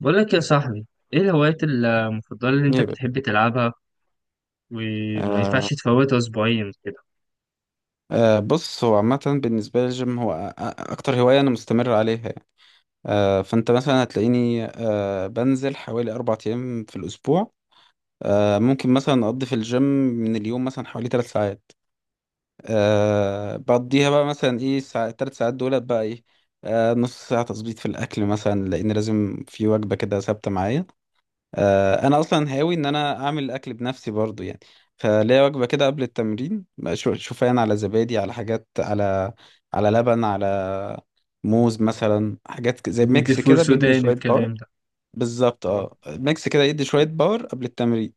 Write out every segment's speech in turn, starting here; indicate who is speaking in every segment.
Speaker 1: بقول لك يا صاحبي، ايه الهوايات المفضلة اللي انت
Speaker 2: يبقى
Speaker 1: بتحب تلعبها وما
Speaker 2: آه.
Speaker 1: ينفعش تفوتها اسبوعيا كده؟
Speaker 2: بص، هو عامة بالنسبة لي الجيم هو أكتر هواية أنا مستمر عليها يعني. فأنت مثلا هتلاقيني بنزل حوالي 4 أيام في الأسبوع. ممكن مثلا أقضي في الجيم من اليوم مثلا حوالي 3 ساعات. بقضيها بقى مثلا إيه ال3 ساعات دولت بقى إيه؟ نص ساعة تظبيط في الأكل مثلا، لأن لازم في وجبة كده ثابتة معايا. انا اصلا هاوي ان انا اعمل الاكل بنفسي برضو يعني. فليا وجبه كده قبل التمرين بقى، شوفان على زبادي على حاجات، على على لبن، على موز مثلا، حاجات زي
Speaker 1: دي
Speaker 2: ميكس
Speaker 1: فول
Speaker 2: كده بيدي
Speaker 1: سوداني
Speaker 2: شويه باور.
Speaker 1: والكلام ده.
Speaker 2: بالظبط
Speaker 1: اه،
Speaker 2: اه، ميكس كده يدي شويه باور قبل التمرين.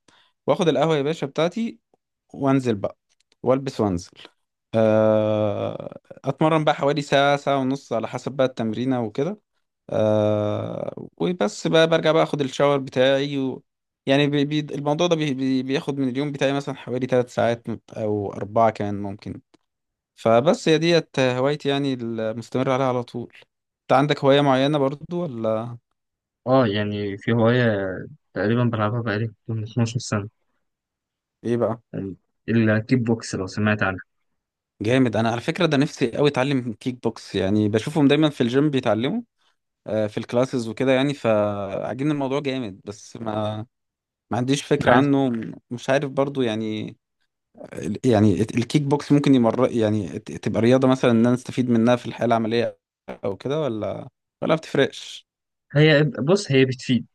Speaker 2: واخد القهوه يا باشا بتاعتي وانزل بقى، والبس وانزل. آه، اتمرن بقى حوالي ساعة، ساعة ونص، على حسب بقى التمرينة وكده. وبس بقى، برجع بقى اخد الشاور بتاعي و... يعني بي... بي... الموضوع ده بياخد من اليوم بتاعي مثلا حوالي 3 ساعات، او 4 كمان ممكن. فبس هي ديت هوايتي يعني، المستمر عليها على طول. انت عندك هواية معينة برضو ولا
Speaker 1: اه، يعني في هواية تقريبا بلعبها بقالي من 12 سنة،
Speaker 2: ايه بقى؟
Speaker 1: يعني الكيك بوكس لو سمعت عنها.
Speaker 2: جامد، انا على فكرة ده نفسي قوي اتعلم كيك بوكس، يعني بشوفهم دايما في الجيم بيتعلموا، في الكلاسز وكده يعني، فعاجبني الموضوع جامد، بس ما عنديش فكرة
Speaker 1: عارف.
Speaker 2: عنه، مش عارف برضو يعني. يعني الكيك بوكس ممكن يمر يعني، تبقى رياضة مثلا ان انا استفيد منها في الحياة العملية او كده، ولا ما بتفرقش؟
Speaker 1: هي بص، هي بتفيد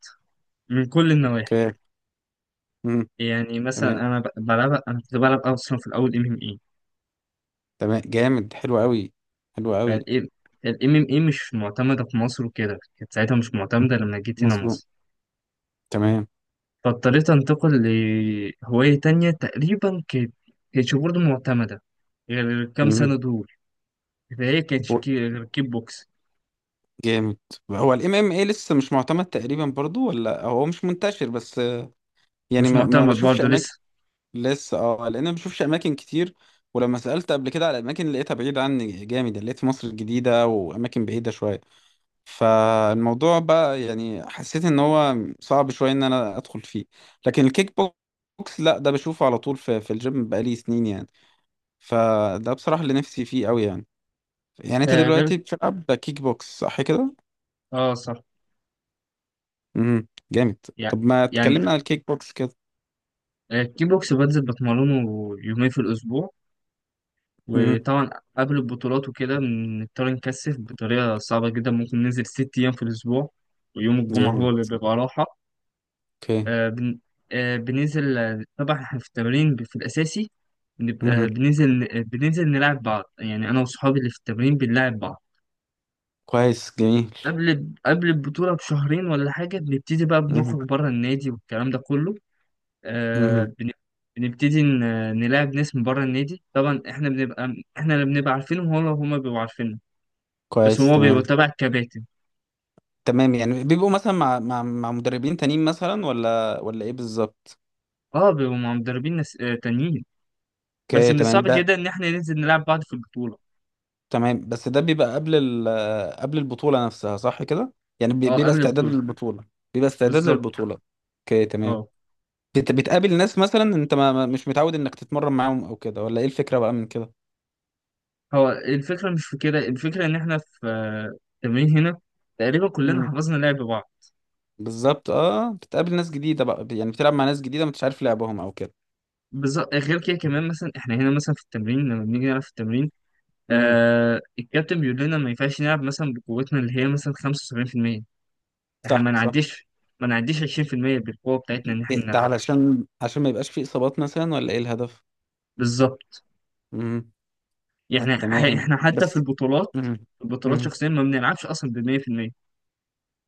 Speaker 1: من كل النواحي.
Speaker 2: اوكي. امم.
Speaker 1: يعني مثلا
Speaker 2: تمام.
Speaker 1: انا بلعبها، انا كنت بلعب اصلا في الاول ام ام اي.
Speaker 2: تمام جامد، حلو قوي. حلو قوي.
Speaker 1: فالام الام ام اي مش معتمدة في مصر وكده، كانت ساعتها مش معتمدة لما جيت هنا
Speaker 2: مظبوط
Speaker 1: مصر،
Speaker 2: تمام.
Speaker 1: فاضطريت أنتقل لهواية تانية تقريبا كانت كانتش برضه معتمدة غير الكام
Speaker 2: امم.
Speaker 1: سنة دول، فهي
Speaker 2: و-
Speaker 1: غير كيك بوكس.
Speaker 2: جامد. هو الام ام اي لسه مش معتمد تقريبا برضو، ولا هو مش منتشر بس؟ يعني
Speaker 1: مش
Speaker 2: ما
Speaker 1: معتمد
Speaker 2: بشوفش
Speaker 1: برضه
Speaker 2: اماكن.
Speaker 1: لسه.
Speaker 2: لسه اه، لان انا بشوفش اماكن كتير. ولما سالت قبل كده على اماكن لقيتها بعيده عني جامد يعني، لقيت في مصر الجديده واماكن بعيده شويه. فالموضوع بقى يعني حسيت ان هو صعب شويه ان انا ادخل فيه. لكن الكيك بوكس لا، ده بشوفه على طول في الجيم بقالي سنين يعني. فده بصراحه اللي نفسي فيه قوي يعني. يعني انت
Speaker 1: غير،
Speaker 2: دلوقتي بتلعب كيك بوكس صح كده؟
Speaker 1: اه صح.
Speaker 2: جامد.
Speaker 1: يعني
Speaker 2: طب ما
Speaker 1: يعني
Speaker 2: تكلمنا عن الكيك بوكس كده.
Speaker 1: الكيك بوكس بنزل بتمرنه يومين في الأسبوع،
Speaker 2: امم
Speaker 1: وطبعا قبل البطولات وكده بنضطر نكثف بطريقة صعبة جدا، ممكن ننزل ست أيام في الأسبوع، ويوم الجمعة هو
Speaker 2: جامد.
Speaker 1: اللي بيبقى راحة.
Speaker 2: اوكي.
Speaker 1: آه، بن... آه، بننزل طبعا احنا في التمرين في الأساسي
Speaker 2: امم.
Speaker 1: بننزل بننزل نلعب بعض، يعني أنا وصحابي اللي في التمرين بنلعب بعض.
Speaker 2: كويس جميل.
Speaker 1: قبل البطولة بشهرين ولا حاجة بنبتدي بقى
Speaker 2: امم.
Speaker 1: بنخرج بره النادي والكلام ده كله. آه، بن- بنبتدي نلاعب ناس من بره النادي، طبعا احنا بنبقى احنا اللي بنبقى عارفينهم، هو هما بيبقوا عارفيننا. بس
Speaker 2: كويس
Speaker 1: هو بيبقى
Speaker 2: تمام.
Speaker 1: تبع الكباتن.
Speaker 2: تمام، يعني بيبقوا مثلا مع مدربين تانيين مثلا، ولا ايه بالظبط؟
Speaker 1: اه، بيبقوا مع مدربين ناس تانيين. بس
Speaker 2: اوكي
Speaker 1: من
Speaker 2: تمام
Speaker 1: الصعب
Speaker 2: ده.
Speaker 1: جدا ان احنا ننزل نلعب بعض في البطولة.
Speaker 2: تمام، بس ده بيبقى قبل ال، قبل البطولة نفسها صح كده؟ يعني
Speaker 1: اه،
Speaker 2: بيبقى
Speaker 1: قبل
Speaker 2: استعداد
Speaker 1: البطولة.
Speaker 2: للبطولة. بيبقى استعداد
Speaker 1: بالظبط.
Speaker 2: للبطولة. اوكي تمام.
Speaker 1: اه،
Speaker 2: بتقابل ناس مثلا انت مش متعود انك تتمرن معاهم او كده، ولا ايه الفكرة بقى من كده؟
Speaker 1: هو الفكرة مش في كده، الفكرة إن إحنا في التمرين هنا تقريبا كلنا
Speaker 2: مم.
Speaker 1: حفظنا لعب بعض.
Speaker 2: بالظبط اه، بتقابل ناس جديدة بقى يعني، بتلعب مع ناس جديدة ما انتش عارف لعبهم او كده.
Speaker 1: بالظبط، غير كده كمان مثلا إحنا هنا مثلا في التمرين لما بنيجي نلعب في التمرين
Speaker 2: مم.
Speaker 1: الكابتن بيقول لنا ما ينفعش نلعب مثلا بقوتنا اللي هي مثلا 75%. إحنا ما
Speaker 2: صح صح.
Speaker 1: نعديش ما نعديش 20% بالقوة بتاعتنا إن إحنا
Speaker 2: ده
Speaker 1: نلعبها.
Speaker 2: عشان ما يبقاش فيه اصابات مثلا، ولا ايه الهدف؟
Speaker 1: بالظبط.
Speaker 2: مم.
Speaker 1: يعني
Speaker 2: تمام
Speaker 1: إحنا حتى في
Speaker 2: بس.
Speaker 1: البطولات،
Speaker 2: مم.
Speaker 1: البطولات
Speaker 2: مم.
Speaker 1: شخصيا ما بنلعبش أصلا ب 100%.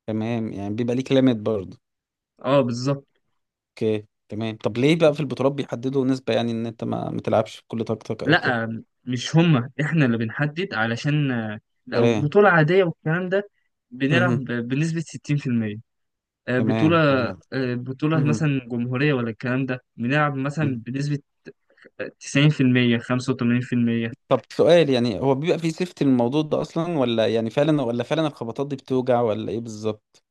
Speaker 2: تمام، يعني بيبقى ليك ليميت برضه.
Speaker 1: أه بالظبط.
Speaker 2: اوكي تمام. طب ليه بقى في البطولات بيحددوا نسبة، يعني ان انت ما تلعبش بكل طاقتك او كده؟
Speaker 1: لا، مش هما احنا اللي بنحدد، علشان لو
Speaker 2: اوكي.
Speaker 1: بطولة عادية والكلام ده بنلعب
Speaker 2: مم.
Speaker 1: بنسبة 60%. آه،
Speaker 2: تمام
Speaker 1: بطولة
Speaker 2: تمام.
Speaker 1: بطولة
Speaker 2: مم.
Speaker 1: مثلا جمهورية ولا الكلام ده بنلعب مثلا
Speaker 2: مم.
Speaker 1: بنسبة 90% 85%.
Speaker 2: طب سؤال، يعني هو بيبقى فيه سيفتي الموضوع ده اصلا، ولا يعني فعلا، ولا فعلا الخبطات دي بتوجع، ولا ايه بالظبط؟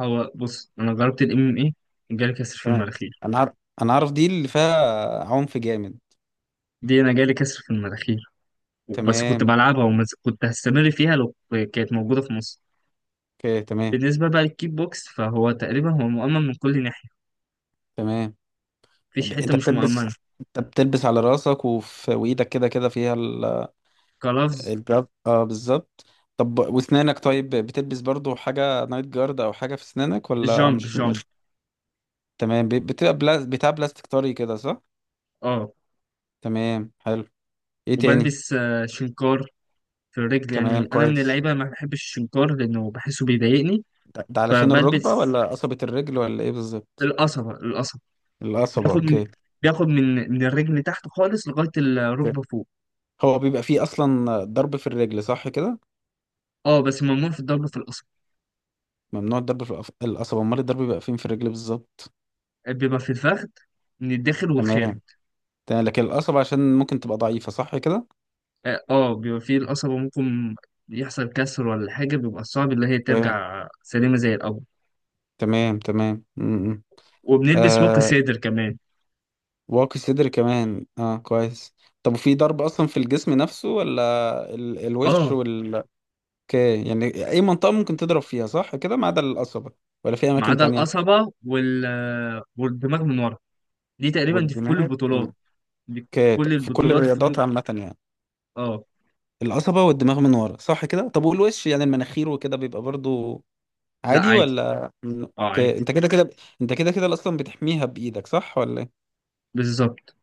Speaker 1: هو بص، أنا جربت الام ام ايه، جالي كسر في
Speaker 2: تمام.
Speaker 1: المناخير.
Speaker 2: انا عارف. انا عارف دي اللي فيها عنف جامد.
Speaker 1: دي أنا جالي كسر في المناخير، بس كنت
Speaker 2: تمام.
Speaker 1: بلعبها، وكنت هستمر فيها لو كانت موجودة في مصر.
Speaker 2: اوكي تمام.
Speaker 1: بالنسبة بقى للكيك بوكس فهو تقريبا هو مؤمن من كل ناحية،
Speaker 2: تمام،
Speaker 1: مفيش
Speaker 2: يعني
Speaker 1: حتة
Speaker 2: انت
Speaker 1: مش
Speaker 2: بتلبس،
Speaker 1: مؤمنة.
Speaker 2: انت بتلبس على راسك وفي وايدك كده كده فيها
Speaker 1: كلفظ.
Speaker 2: الجارد اه بالظبط. طب واسنانك طيب، بتلبس برضو حاجة نايت جارد او حاجة في اسنانك، ولا
Speaker 1: جامب
Speaker 2: مش
Speaker 1: جامب.
Speaker 2: مش تمام، بتبقى بتاع بلاستيك طري كده صح؟
Speaker 1: اه.
Speaker 2: تمام حلو. ايه تاني؟
Speaker 1: وبلبس شنكار في الرجل،
Speaker 2: تمام
Speaker 1: يعني انا من
Speaker 2: كويس.
Speaker 1: اللعيبه ما بحبش الشنكار لانه بحسه بيضايقني.
Speaker 2: ده علشان الركبة،
Speaker 1: فبلبس
Speaker 2: ولا قصبة الرجل، ولا ايه بالظبط؟
Speaker 1: القصبه القصبه.
Speaker 2: القصبة
Speaker 1: بياخد من
Speaker 2: اوكي.
Speaker 1: بياخد من الرجل تحت خالص لغايه
Speaker 2: اوكي.
Speaker 1: الركبه فوق.
Speaker 2: هو بيبقى فيه اصلا ضرب في الرجل صح كده؟
Speaker 1: اه، بس ممنوع في الضرب في القصبه،
Speaker 2: ممنوع الضرب في القصبة، امال الضرب بيبقى فين في الرجل بالظبط؟
Speaker 1: بيبقى في الفخذ من الداخل والخارج.
Speaker 2: تمام. تمام، لكن القصب عشان ممكن تبقى ضعيفة صح كده؟
Speaker 1: اه، بيبقى في القصبه ممكن يحصل كسر ولا حاجه، بيبقى صعب اللي هي ترجع سليمه زي الاول.
Speaker 2: تمام تمام تمام، م.
Speaker 1: وبنلبس واقي
Speaker 2: آه،
Speaker 1: صدر كمان.
Speaker 2: واقي صدر كمان اه كويس. طب وفي ضرب اصلا في الجسم نفسه، ولا الوش
Speaker 1: اه،
Speaker 2: وال؟ اوكي، يعني اي منطقة ممكن تضرب فيها صح كده، ما عدا القصبة؟ ولا في
Speaker 1: ما
Speaker 2: اماكن
Speaker 1: عدا
Speaker 2: تانية؟
Speaker 1: القصبه والدماغ من ورا، دي تقريبا دي في كل
Speaker 2: والدماغ م.
Speaker 1: البطولات. دي في
Speaker 2: اوكي
Speaker 1: كل
Speaker 2: في كل
Speaker 1: البطولات في.
Speaker 2: الرياضات عامة يعني.
Speaker 1: اه،
Speaker 2: القصبة والدماغ من ورا صح كده؟ طب والوش يعني المناخير وكده بيبقى برضو
Speaker 1: لا
Speaker 2: عادي،
Speaker 1: عادي.
Speaker 2: ولا
Speaker 1: اه
Speaker 2: اوكي.
Speaker 1: عادي.
Speaker 2: انت كده كده اصلا بتحميها بايدك صح ولا إيه؟
Speaker 1: بالظبط.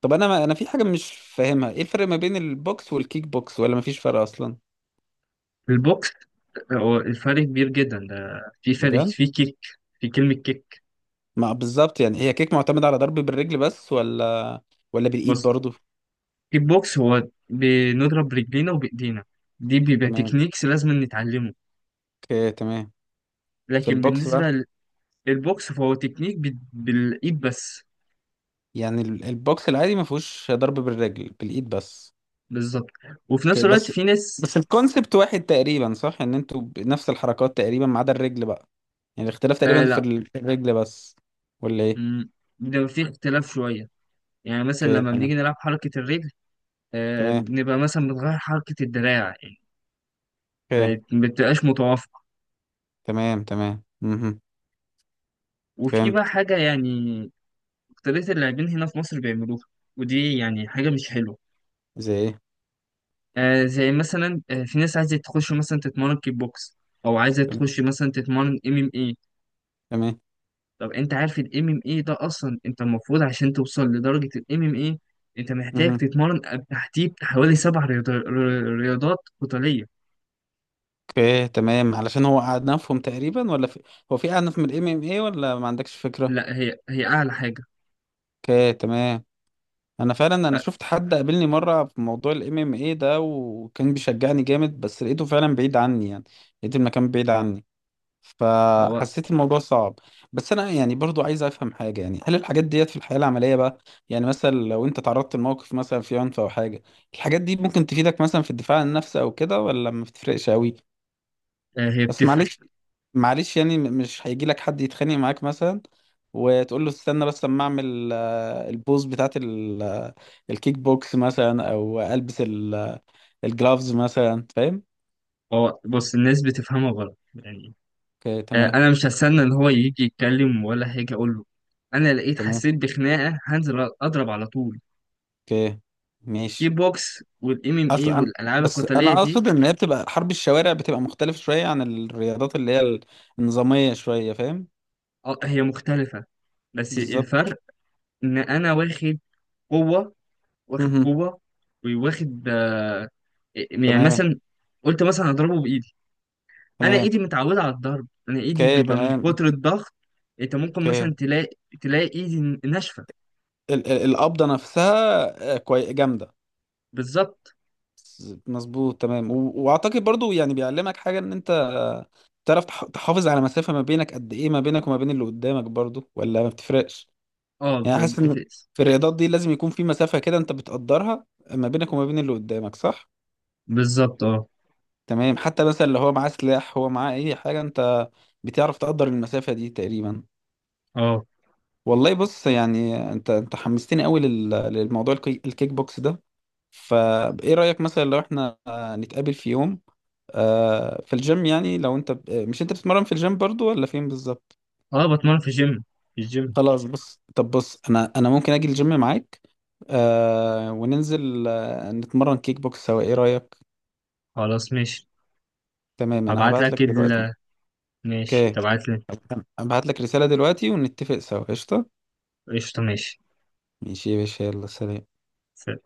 Speaker 2: طب انا ما انا في حاجه مش فاهمها، ايه الفرق ما بين البوكس والكيك بوكس، ولا ما فيش فرق اصلا؟
Speaker 1: البوكس، هو الفرق كبير جدا، ده في فرق
Speaker 2: بجد؟
Speaker 1: في كلمة كيك.
Speaker 2: ما بالظبط يعني، هي كيك معتمده على ضرب بالرجل بس، ولا بالايد
Speaker 1: بص،
Speaker 2: برضو؟
Speaker 1: الكيك بوكس هو بنضرب رجلينا وبإيدينا، دي بيبقى
Speaker 2: تمام.
Speaker 1: تكنيكس لازم نتعلمه.
Speaker 2: اوكي تمام. في
Speaker 1: لكن
Speaker 2: البوكس بقى.
Speaker 1: بالنسبة للبوكس فهو تكنيك بالإيد بس.
Speaker 2: يعني البوكس العادي ما فيهوش ضرب بالرجل، بالايد بس.
Speaker 1: بالظبط، وفي نفس
Speaker 2: اوكي
Speaker 1: الوقت
Speaker 2: بس.
Speaker 1: في ناس.
Speaker 2: بس الكونسبت واحد تقريبا صح، ان انتوا بنفس الحركات تقريبا ما عدا الرجل بقى. يعني الاختلاف
Speaker 1: آه
Speaker 2: تقريبا في
Speaker 1: لا.
Speaker 2: في الرجل بس. ولا ايه؟
Speaker 1: مم، ده في اختلاف شوية، يعني مثلا
Speaker 2: اوكي
Speaker 1: لما بنيجي
Speaker 2: تمام.
Speaker 1: نلعب حركة الرجل
Speaker 2: تمام.
Speaker 1: بنبقى مثلا بتغير حركة الدراع، يعني
Speaker 2: اوكي
Speaker 1: ما بتبقاش متوافقة.
Speaker 2: تمام تمام. مهم.
Speaker 1: وفي بقى
Speaker 2: فهمت.
Speaker 1: حاجة يعني أكترية اللاعبين هنا في مصر بيعملوها، ودي يعني حاجة مش حلوة.
Speaker 2: زي ايه؟
Speaker 1: آه، زي مثلا في ناس عايزة تخش مثلا تتمرن كيك بوكس، أو عايزة تخش مثلا تتمرن ام ام اي.
Speaker 2: تمام.
Speaker 1: طب أنت عارف الام ام اي ده أصلا، أنت المفروض عشان توصل لدرجة الام ام اي أنت محتاج
Speaker 2: مهم.
Speaker 1: تتمرن تحتيه حوالي سبع رياضات قتالية.
Speaker 2: اوكي تمام، علشان هو أعنفهم تقريبا، ولا في... هو في أعنف من الام ام اي، ولا ما عندكش فكرة؟
Speaker 1: لا هي أعلى حاجة.
Speaker 2: اوكي تمام. انا فعلا، انا شفت حد قابلني مرة في موضوع الام ام اي ده، وكان بيشجعني جامد بس لقيته فعلا بعيد عني يعني. لقيت المكان بعيد عني،
Speaker 1: هو
Speaker 2: فحسيت الموضوع صعب. بس انا يعني برضو عايز افهم حاجة، يعني هل الحاجات ديت في الحياة العملية بقى، يعني مثلا لو انت تعرضت لموقف مثلا في عنف او حاجة، الحاجات دي ممكن تفيدك مثلا في الدفاع عن النفس او كده، ولا ما بتفرقش قوي؟
Speaker 1: هي
Speaker 2: بس
Speaker 1: بتفرق.
Speaker 2: معلش. معلش يعني، مش هيجي لك حد يتخانق معاك مثلا، وتقول له استنى بس اما اعمل البوز بتاعت الكيك بوكس مثلا، او البس الجلافز مثلا فاهم؟
Speaker 1: هو بص، الناس بتفهمها غلط، يعني
Speaker 2: اوكي تمام.
Speaker 1: انا مش هستنى ان هو يجي يتكلم ولا حاجه اقول له، انا لقيت
Speaker 2: تمام
Speaker 1: حسيت بخناقه هنزل اضرب على طول.
Speaker 2: اوكي
Speaker 1: كيك
Speaker 2: ماشي.
Speaker 1: بوكس والام ام اي
Speaker 2: اصلا أنا-
Speaker 1: والالعاب
Speaker 2: بس
Speaker 1: القتاليه
Speaker 2: انا
Speaker 1: دي
Speaker 2: اقصد ان هي بتبقى حرب الشوارع، بتبقى مختلفة شوية عن الرياضات اللي هي النظامية شوية فاهم.
Speaker 1: هي مختلفه، بس
Speaker 2: بالظبط.
Speaker 1: الفرق ان انا واخد قوه واخد
Speaker 2: مهم.
Speaker 1: قوه وواخد آه، يعني
Speaker 2: تمام
Speaker 1: مثلا قلت مثلا اضربه بايدي، انا
Speaker 2: تمام.
Speaker 1: ايدي متعوده على الضرب، انا ايدي
Speaker 2: اوكي
Speaker 1: بيبقى من
Speaker 2: تمام.
Speaker 1: كتر الضغط. انت ممكن
Speaker 2: اوكي،
Speaker 1: مثلا تلاقي ايدي ناشفه.
Speaker 2: القبضة نفسها كوي جامدة.
Speaker 1: بالظبط.
Speaker 2: مظبوط تمام. و... واعتقد برضو يعني بيعلمك حاجة ان انت تعرف تحافظ على مسافة ما بينك، قد ايه ما بينك وما بين اللي قدامك برضو، ولا ما بتفرقش؟
Speaker 1: اه،
Speaker 2: يعني حاسس ان في الرياضات دي لازم يكون في مسافة كده انت بتقدرها ما بينك وما بين اللي قدامك صح؟
Speaker 1: بالظبط. اه،
Speaker 2: تمام. حتى مثلا اللي هو معاه سلاح، هو معاه اي حاجة، انت بتعرف تقدر المسافة دي تقريبا.
Speaker 1: اه،
Speaker 2: والله بص، يعني انت حمستني قوي للموضوع الكيك بوكس ده. فايه رأيك مثلا لو احنا نتقابل في يوم في الجيم؟ يعني لو انت مش انت بتتمرن في الجيم برضو، ولا فين بالظبط؟
Speaker 1: اه. بتمرن في الجيم، في الجيم.
Speaker 2: خلاص بص، طب بص، انا ممكن اجي الجيم معاك، وننزل نتمرن كيك بوكس سوا، ايه رأيك؟
Speaker 1: خلاص ماشي.
Speaker 2: تمام، انا
Speaker 1: هبعت
Speaker 2: هبعت
Speaker 1: لك
Speaker 2: لك دلوقتي.
Speaker 1: ال، ماشي
Speaker 2: اوكي.
Speaker 1: تبعت لي.
Speaker 2: هبعت لك رسالة دلوقتي ونتفق سوا، قشطة.
Speaker 1: قشطة ماشي.
Speaker 2: ماشي يا باشا، يلا سلام.